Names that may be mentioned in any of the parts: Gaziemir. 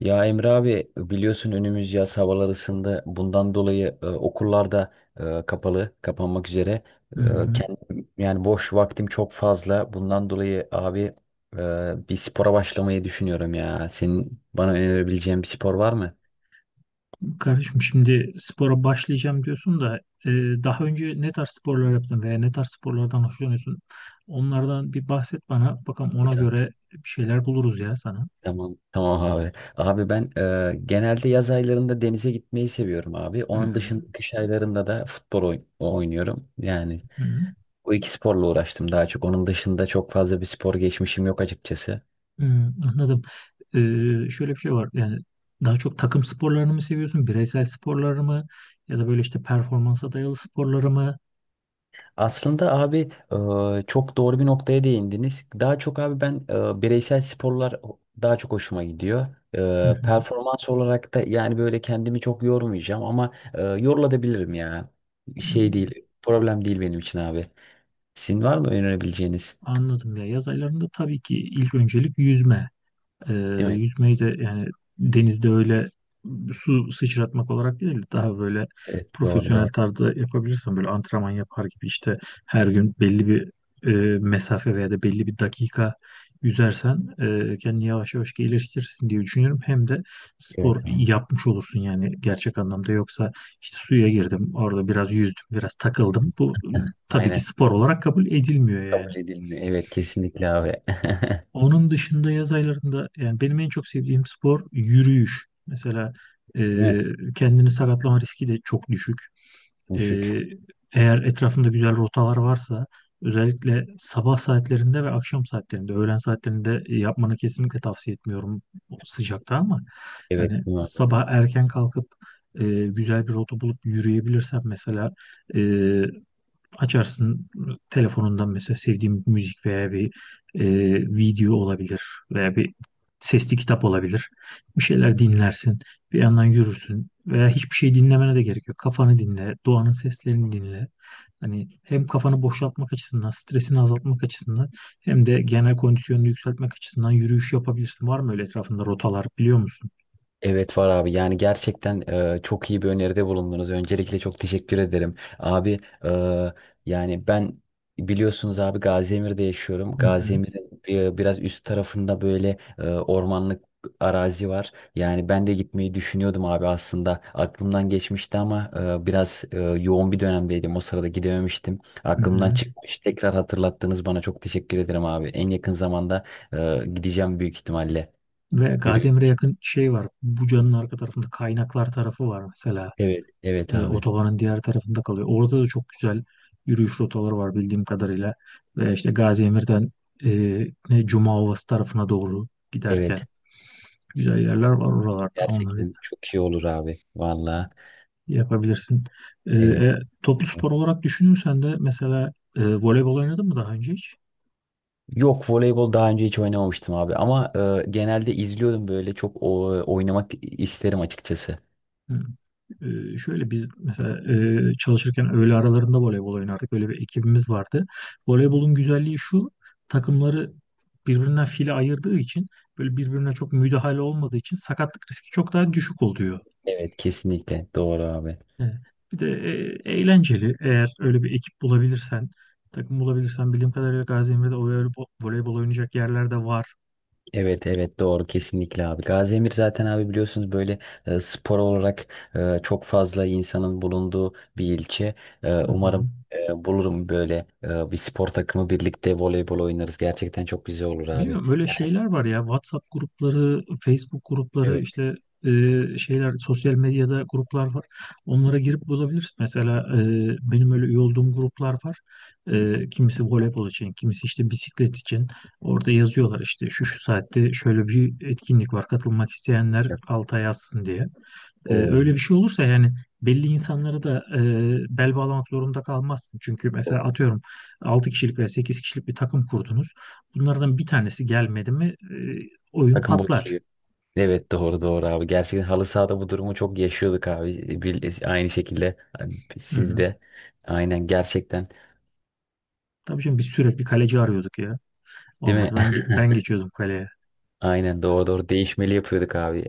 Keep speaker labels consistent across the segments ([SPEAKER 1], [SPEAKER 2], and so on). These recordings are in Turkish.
[SPEAKER 1] Ya Emre abi biliyorsun önümüz yaz havalar ısındı. Bundan dolayı okullarda kapalı, kapanmak üzere.
[SPEAKER 2] Hı hı.
[SPEAKER 1] Kendim, yani boş vaktim çok fazla. Bundan dolayı abi bir spora başlamayı düşünüyorum ya. Senin bana önerebileceğin bir spor var mı?
[SPEAKER 2] Kardeşim, şimdi spora başlayacağım diyorsun da e, daha önce ne tarz sporlar yaptın veya ne tarz sporlardan hoşlanıyorsun? Onlardan bir bahset bana. Bakalım
[SPEAKER 1] Bir
[SPEAKER 2] ona
[SPEAKER 1] tane.
[SPEAKER 2] göre bir şeyler buluruz ya sana.
[SPEAKER 1] Tamam, tamam abi. Abi ben genelde yaz aylarında denize gitmeyi seviyorum abi.
[SPEAKER 2] Hı
[SPEAKER 1] Onun
[SPEAKER 2] hı.
[SPEAKER 1] dışında kış aylarında da futbol oynuyorum. Yani
[SPEAKER 2] Hı hı.
[SPEAKER 1] bu iki sporla uğraştım daha çok. Onun dışında çok fazla bir spor geçmişim yok açıkçası.
[SPEAKER 2] Hı, anladım. Şöyle bir şey var. Yani daha çok takım sporlarını mı seviyorsun? Bireysel sporları mı? Ya da böyle işte performansa dayalı sporları mı?
[SPEAKER 1] Aslında abi çok doğru bir noktaya değindiniz. Daha çok abi ben bireysel sporlar daha çok hoşuma gidiyor.
[SPEAKER 2] Hı
[SPEAKER 1] E,
[SPEAKER 2] hı.
[SPEAKER 1] Performans olarak da yani böyle kendimi çok yormayacağım ama yorulabilirim ya.
[SPEAKER 2] Hı,
[SPEAKER 1] Şey değil, problem değil benim için abi. Sizin var mı önerebileceğiniz?
[SPEAKER 2] anladım ya. Yaz aylarında tabii ki ilk öncelik yüzme. Ee,
[SPEAKER 1] Değil mi?
[SPEAKER 2] Yüzmeyi de yani denizde öyle su sıçratmak olarak değil, daha böyle
[SPEAKER 1] Evet, doğru
[SPEAKER 2] profesyonel
[SPEAKER 1] doğru.
[SPEAKER 2] tarzda yapabilirsen, böyle antrenman yapar gibi işte her gün belli bir mesafe veya da belli bir dakika yüzersen kendini yavaş yavaş geliştirirsin diye düşünüyorum. Hem de spor
[SPEAKER 1] Evet abi.
[SPEAKER 2] yapmış olursun yani gerçek anlamda. Yoksa işte suya girdim, orada biraz yüzdüm, biraz takıldım, bu tabii ki
[SPEAKER 1] Aynen.
[SPEAKER 2] spor olarak kabul edilmiyor
[SPEAKER 1] Kabul
[SPEAKER 2] yani.
[SPEAKER 1] edilmiyor. Evet kesinlikle abi.
[SPEAKER 2] Onun dışında yaz aylarında yani benim en çok sevdiğim spor yürüyüş. Mesela e,
[SPEAKER 1] Değil mi?
[SPEAKER 2] kendini sakatlama riski de çok düşük. E,
[SPEAKER 1] Düşük.
[SPEAKER 2] Eğer etrafında güzel rotalar varsa, özellikle sabah saatlerinde ve akşam saatlerinde, öğlen saatlerinde yapmanı kesinlikle tavsiye etmiyorum o sıcakta. Ama
[SPEAKER 1] Evet,
[SPEAKER 2] yani
[SPEAKER 1] değil mi?
[SPEAKER 2] sabah erken kalkıp güzel bir rota bulup yürüyebilirsen, mesela açarsın telefonundan mesela sevdiğim bir müzik veya bir e, video olabilir veya bir sesli kitap olabilir. Bir şeyler dinlersin, bir yandan yürürsün. Veya hiçbir şey dinlemene de gerek yok. Kafanı dinle, doğanın seslerini dinle. Hani hem kafanı boşaltmak açısından, stresini azaltmak açısından hem de genel kondisyonunu yükseltmek açısından yürüyüş yapabilirsin. Var mı öyle etrafında rotalar, biliyor musun?
[SPEAKER 1] Evet var abi. Yani gerçekten çok iyi bir öneride bulundunuz. Öncelikle çok teşekkür ederim. Abi e, yani ben biliyorsunuz abi Gaziemir'de yaşıyorum.
[SPEAKER 2] Hı hı,
[SPEAKER 1] Gaziemir'in biraz üst tarafında böyle ormanlık arazi var. Yani ben de gitmeyi düşünüyordum abi aslında. Aklımdan geçmişti ama biraz yoğun bir dönemdeydim. O sırada gidememiştim.
[SPEAKER 2] hı
[SPEAKER 1] Aklımdan
[SPEAKER 2] hı.
[SPEAKER 1] çıkmış. Tekrar hatırlattınız bana. Çok teşekkür ederim abi. En yakın zamanda gideceğim büyük ihtimalle.
[SPEAKER 2] Ve Gaziantep'e yakın şey var. Buca'nın arka tarafında kaynaklar tarafı var mesela.
[SPEAKER 1] Evet, evet abi.
[SPEAKER 2] Otobanın diğer tarafında kalıyor. Orada da çok güzel yürüyüş rotaları var bildiğim kadarıyla. Ve işte Gazi Emir'den e, ne Cuma Ovası tarafına doğru giderken
[SPEAKER 1] Evet.
[SPEAKER 2] güzel yerler var oralarda. Onları
[SPEAKER 1] Gerçekten çok iyi olur abi. Valla.
[SPEAKER 2] yapabilirsin. E,
[SPEAKER 1] Evet.
[SPEAKER 2] e, Toplu spor olarak düşünürsen de mesela voleybol oynadın mı daha önce hiç?
[SPEAKER 1] Yok, voleybol daha önce hiç oynamamıştım abi ama genelde izliyordum böyle çok oynamak isterim açıkçası.
[SPEAKER 2] Hı. Şöyle, biz mesela çalışırken öğle aralarında voleybol oynardık. Öyle bir ekibimiz vardı. Voleybolun güzelliği şu: takımları birbirinden file ayırdığı için, böyle birbirine çok müdahale olmadığı için sakatlık riski çok daha düşük oluyor.
[SPEAKER 1] Evet kesinlikle doğru abi.
[SPEAKER 2] Evet. Bir de eğlenceli. Eğer öyle bir ekip bulabilirsen, takım bulabilirsen, bildiğim kadarıyla Gaziantep'te voleybol oynayacak yerler de var.
[SPEAKER 1] Evet evet doğru kesinlikle abi. Gaziemir zaten abi biliyorsunuz böyle spor olarak çok fazla insanın bulunduğu bir ilçe.
[SPEAKER 2] Hı hı.
[SPEAKER 1] Umarım bulurum böyle bir spor takımı birlikte voleybol oynarız. Gerçekten çok güzel olur abi.
[SPEAKER 2] Bilmiyorum, öyle
[SPEAKER 1] Yani,
[SPEAKER 2] şeyler var ya, WhatsApp grupları, Facebook grupları,
[SPEAKER 1] evet.
[SPEAKER 2] işte e, şeyler, sosyal medyada gruplar var. Onlara girip bulabilirsin. Mesela benim öyle üye olduğum gruplar var. Kimisi voleybol için, kimisi işte bisiklet için. Orada yazıyorlar işte şu şu saatte şöyle bir etkinlik var, katılmak isteyenler alta yazsın diye. Öyle
[SPEAKER 1] Oo,
[SPEAKER 2] bir şey olursa yani belli insanlara da bel bağlamak zorunda kalmazsın. Çünkü mesela
[SPEAKER 1] doğru.
[SPEAKER 2] atıyorum, 6 kişilik veya 8 kişilik bir takım kurdunuz. Bunlardan bir tanesi gelmedi mi oyun
[SPEAKER 1] Takım
[SPEAKER 2] patlar.
[SPEAKER 1] bozuluyor. Evet doğru doğru abi. Gerçekten halı sahada bu durumu çok yaşıyorduk abi. Bir, aynı şekilde
[SPEAKER 2] Hı hı.
[SPEAKER 1] sizde. Aynen gerçekten.
[SPEAKER 2] Tabii şimdi biz sürekli kaleci arıyorduk ya.
[SPEAKER 1] Değil mi?
[SPEAKER 2] Olmadı. Ben geçiyordum kaleye.
[SPEAKER 1] Aynen doğru doğru değişmeli yapıyorduk abi.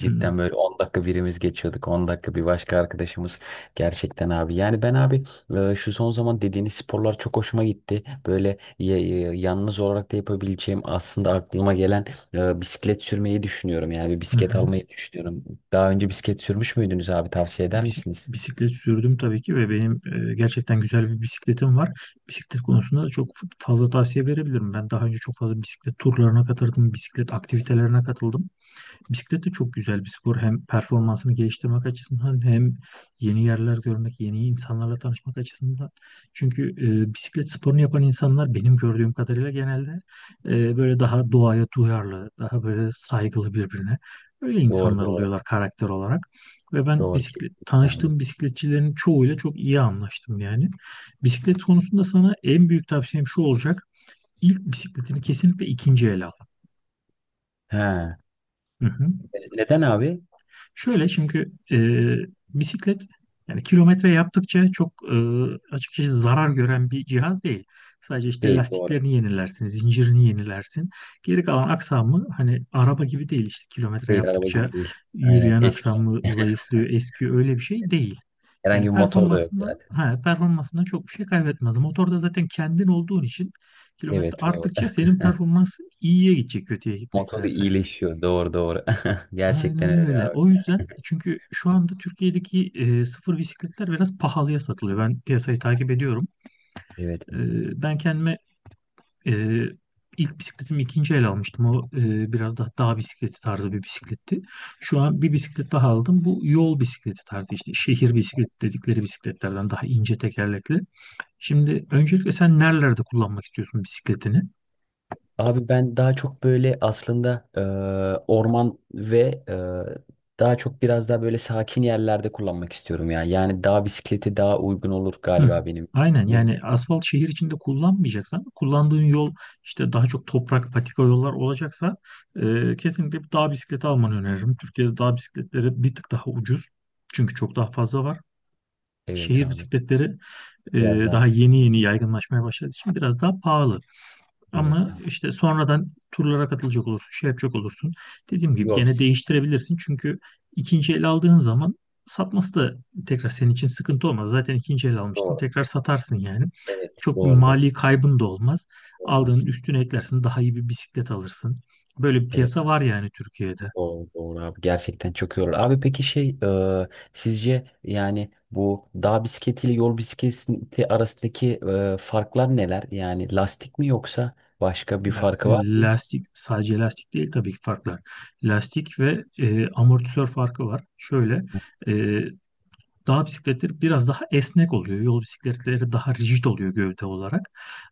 [SPEAKER 2] Hı hı.
[SPEAKER 1] böyle 10 dakika birimiz geçiyorduk, 10 dakika bir başka arkadaşımız. Gerçekten abi. Yani ben abi şu son zaman dediğiniz sporlar çok hoşuma gitti. Böyle yalnız olarak da yapabileceğim aslında aklıma gelen bisiklet sürmeyi düşünüyorum. Yani bir
[SPEAKER 2] Hı
[SPEAKER 1] bisiklet
[SPEAKER 2] hı.
[SPEAKER 1] almayı düşünüyorum. Daha önce bisiklet sürmüş müydünüz abi? Tavsiye eder misiniz?
[SPEAKER 2] Bisiklet sürdüm tabii ki ve benim gerçekten güzel bir bisikletim var. Bisiklet konusunda da çok fazla tavsiye verebilirim. Ben daha önce çok fazla bisiklet turlarına katıldım, bisiklet aktivitelerine katıldım. Bisiklet de çok güzel bir spor. Hem performansını geliştirmek açısından hem yeni yerler görmek, yeni insanlarla tanışmak açısından. Çünkü bisiklet sporunu yapan insanlar benim gördüğüm kadarıyla genelde böyle daha doğaya duyarlı, daha böyle saygılı birbirine. Öyle
[SPEAKER 1] Doğru
[SPEAKER 2] insanlar
[SPEAKER 1] doğru.
[SPEAKER 2] oluyorlar karakter olarak. Ve ben
[SPEAKER 1] Doğru
[SPEAKER 2] bisiklet,
[SPEAKER 1] kesinlikle abi.
[SPEAKER 2] tanıştığım bisikletçilerin çoğuyla çok iyi anlaştım yani. Bisiklet konusunda sana en büyük tavsiyem şu olacak: İlk bisikletini kesinlikle ikinci el al.
[SPEAKER 1] Ha.
[SPEAKER 2] Hı hı.
[SPEAKER 1] Neden abi?
[SPEAKER 2] Şöyle, çünkü bisiklet yani kilometre yaptıkça çok açıkçası zarar gören bir cihaz değil. Sadece işte
[SPEAKER 1] Değil, doğru.
[SPEAKER 2] lastiklerini yenilersin, zincirini yenilersin. Geri kalan aksamı hani araba gibi değil, işte kilometre
[SPEAKER 1] Değil, araba
[SPEAKER 2] yaptıkça
[SPEAKER 1] gibi değil. Aynen,
[SPEAKER 2] yürüyen
[SPEAKER 1] eski.
[SPEAKER 2] aksamı zayıflıyor, eskiyor, öyle bir şey değil.
[SPEAKER 1] Herhangi
[SPEAKER 2] Yani
[SPEAKER 1] bir motor da yok
[SPEAKER 2] performansından
[SPEAKER 1] zaten.
[SPEAKER 2] ha, performansından çok bir şey kaybetmez. Motorda zaten kendin olduğun için kilometre
[SPEAKER 1] Evet doğru.
[SPEAKER 2] arttıkça senin performans iyiye gidecek, kötüye
[SPEAKER 1] Motoru
[SPEAKER 2] gitmektense.
[SPEAKER 1] iyileşiyor. Doğru doğru. Gerçekten
[SPEAKER 2] Aynen
[SPEAKER 1] öyle
[SPEAKER 2] öyle.
[SPEAKER 1] abi.
[SPEAKER 2] O yüzden, çünkü şu anda Türkiye'deki sıfır bisikletler biraz pahalıya satılıyor. Ben piyasayı takip ediyorum.
[SPEAKER 1] Evet.
[SPEAKER 2] E, Ben kendime e, ilk bisikletimi ikinci el almıştım. O biraz daha dağ bisikleti tarzı bir bisikletti. Şu an bir bisiklet daha aldım. Bu yol bisikleti tarzı, işte şehir bisikleti dedikleri bisikletlerden, daha ince tekerlekli. Şimdi öncelikle sen nerelerde kullanmak istiyorsun bisikletini?
[SPEAKER 1] Abi ben daha çok böyle aslında orman ve daha çok biraz daha böyle sakin yerlerde kullanmak istiyorum ya. Yani dağ bisikleti daha uygun olur
[SPEAKER 2] Hı,
[SPEAKER 1] galiba benim için.
[SPEAKER 2] aynen.
[SPEAKER 1] Ne-
[SPEAKER 2] Yani asfalt şehir içinde kullanmayacaksan, kullandığın yol işte daha çok toprak patika yollar olacaksa, kesinlikle bir dağ bisikleti almanı öneririm. Türkiye'de dağ bisikletleri bir tık daha ucuz çünkü çok daha fazla var.
[SPEAKER 1] Evet
[SPEAKER 2] Şehir
[SPEAKER 1] abi.
[SPEAKER 2] bisikletleri e,
[SPEAKER 1] Biraz daha.
[SPEAKER 2] daha yeni yeni yaygınlaşmaya başladığı için biraz daha pahalı.
[SPEAKER 1] Evet
[SPEAKER 2] Ama
[SPEAKER 1] abi.
[SPEAKER 2] işte sonradan turlara katılacak olursun, şey yapacak olursun. Dediğim gibi
[SPEAKER 1] Yol
[SPEAKER 2] gene
[SPEAKER 1] bisikleti.
[SPEAKER 2] değiştirebilirsin. Çünkü ikinci el aldığın zaman satması da tekrar senin için sıkıntı olmaz. Zaten ikinci el almıştın,
[SPEAKER 1] Doğru.
[SPEAKER 2] tekrar satarsın yani.
[SPEAKER 1] Evet.
[SPEAKER 2] Çok bir
[SPEAKER 1] Doğru doğru.
[SPEAKER 2] mali kaybın da olmaz. Aldığın
[SPEAKER 1] Olmaz.
[SPEAKER 2] üstüne eklersin, daha iyi bir bisiklet alırsın. Böyle bir
[SPEAKER 1] Evet.
[SPEAKER 2] piyasa var yani Türkiye'de.
[SPEAKER 1] Doğru, doğru abi, gerçekten çok yorulur. Abi peki şey sizce yani bu dağ bisikleti ile yol bisikleti arasındaki farklar neler? Yani lastik mi yoksa başka bir
[SPEAKER 2] Ya
[SPEAKER 1] farkı var mı?
[SPEAKER 2] lastik, sadece lastik değil tabii ki farklar. Lastik ve amortisör farkı var. Şöyle, e, dağ bisikletleri biraz daha esnek oluyor. Yol bisikletleri daha rigid oluyor gövde olarak.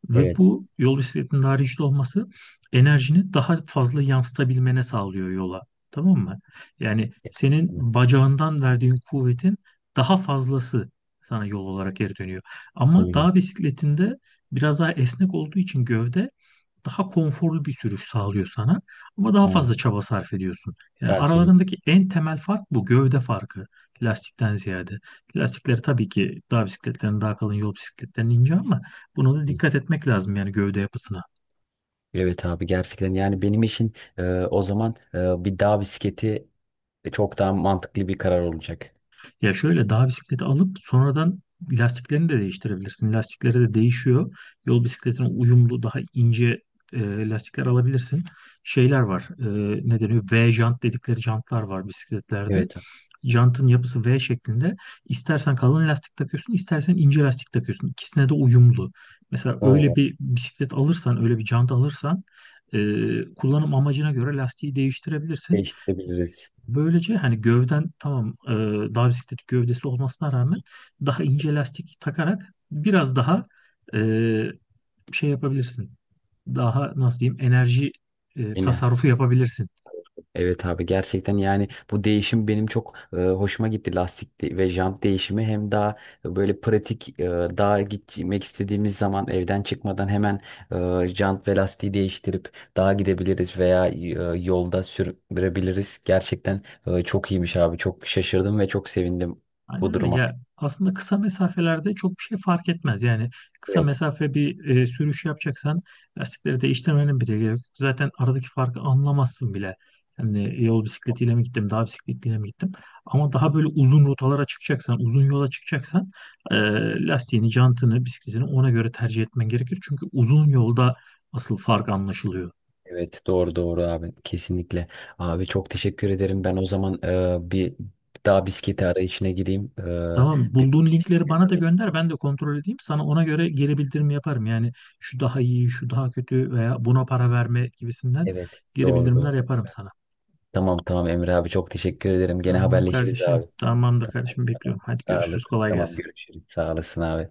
[SPEAKER 2] Ve
[SPEAKER 1] Evet.
[SPEAKER 2] bu yol bisikletinin daha rigid olması enerjini daha fazla yansıtabilmene sağlıyor yola. Tamam mı? Yani
[SPEAKER 1] Evet,
[SPEAKER 2] senin bacağından verdiğin kuvvetin daha fazlası sana yol olarak geri dönüyor. Ama
[SPEAKER 1] bilmiyorum.
[SPEAKER 2] dağ bisikletinde biraz daha esnek olduğu için gövde, daha konforlu bir sürüş sağlıyor sana ama daha
[SPEAKER 1] Ha,
[SPEAKER 2] fazla çaba sarf ediyorsun. Yani
[SPEAKER 1] tarif edeyim.
[SPEAKER 2] aralarındaki en temel fark bu, gövde farkı, lastikten ziyade. Lastikleri tabii ki dağ bisikletlerinin daha kalın, yol bisikletlerinin ince, ama buna da dikkat etmek lazım yani, gövde yapısına.
[SPEAKER 1] Evet abi gerçekten yani benim için o zaman bir dağ bisikleti çok daha mantıklı bir karar olacak.
[SPEAKER 2] Ya şöyle, dağ bisikleti alıp sonradan lastiklerini de değiştirebilirsin. Lastikleri de değişiyor. Yol bisikletine uyumlu daha ince lastikler alabilirsin. Şeyler var. Ne deniyor? V jant dedikleri jantlar var bisikletlerde.
[SPEAKER 1] Evet.
[SPEAKER 2] Jantın yapısı V şeklinde. İstersen kalın lastik takıyorsun, istersen ince lastik takıyorsun. İkisine de uyumlu. Mesela öyle
[SPEAKER 1] O
[SPEAKER 2] bir bisiklet alırsan, öyle bir jant alırsan e, kullanım amacına göre lastiği değiştirebilirsin.
[SPEAKER 1] değiştirebiliriz.
[SPEAKER 2] Böylece hani gövden tamam, dağ bisikleti gövdesi olmasına rağmen daha ince lastik takarak biraz daha e, şey yapabilirsin. Daha nasıl diyeyim, enerji
[SPEAKER 1] Yine.
[SPEAKER 2] tasarrufu yapabilirsin.
[SPEAKER 1] Evet abi gerçekten yani bu değişim benim çok hoşuma gitti, lastik ve jant değişimi hem daha böyle pratik, daha gitmek istediğimiz zaman evden çıkmadan hemen jant ve lastiği değiştirip dağa gidebiliriz veya yolda sürebiliriz. Gerçekten çok iyiymiş abi, çok şaşırdım ve çok sevindim bu
[SPEAKER 2] Aynen öyle.
[SPEAKER 1] duruma.
[SPEAKER 2] Ya aslında kısa mesafelerde çok bir şey fark etmez. Yani kısa
[SPEAKER 1] Evet.
[SPEAKER 2] mesafe bir sürüş yapacaksan lastikleri değiştirmenin bile gerek yok. Zaten aradaki farkı anlamazsın bile. Yani yol bisikletiyle mi gittim, dağ bisikletiyle mi gittim. Ama daha böyle uzun rotalara çıkacaksan, uzun yola çıkacaksan, e, lastiğini, jantını, bisikletini ona göre tercih etmen gerekir. Çünkü uzun yolda asıl fark anlaşılıyor.
[SPEAKER 1] Evet doğru doğru abi kesinlikle. Abi çok teşekkür ederim. Ben o zaman bir daha bisiklete arayışına gireyim. E,
[SPEAKER 2] Tamam, bulduğun linkleri bana da
[SPEAKER 1] bir.
[SPEAKER 2] gönder, ben de kontrol edeyim. Sana ona göre geri bildirim yaparım. Yani şu daha iyi, şu daha kötü veya buna para verme gibisinden
[SPEAKER 1] Evet.
[SPEAKER 2] geri
[SPEAKER 1] Doğru
[SPEAKER 2] bildirimler
[SPEAKER 1] doğru.
[SPEAKER 2] yaparım sana.
[SPEAKER 1] Tamam tamam Emre abi, çok teşekkür ederim. Gene
[SPEAKER 2] Tamam
[SPEAKER 1] haberleşiriz
[SPEAKER 2] kardeşim,
[SPEAKER 1] abi.
[SPEAKER 2] tamamdır
[SPEAKER 1] Tamam
[SPEAKER 2] kardeşim,
[SPEAKER 1] tamam.
[SPEAKER 2] bekliyorum. Hadi
[SPEAKER 1] Sağ
[SPEAKER 2] görüşürüz,
[SPEAKER 1] olasın.
[SPEAKER 2] kolay
[SPEAKER 1] Tamam
[SPEAKER 2] gelsin.
[SPEAKER 1] görüşürüz. Sağ olasın abi.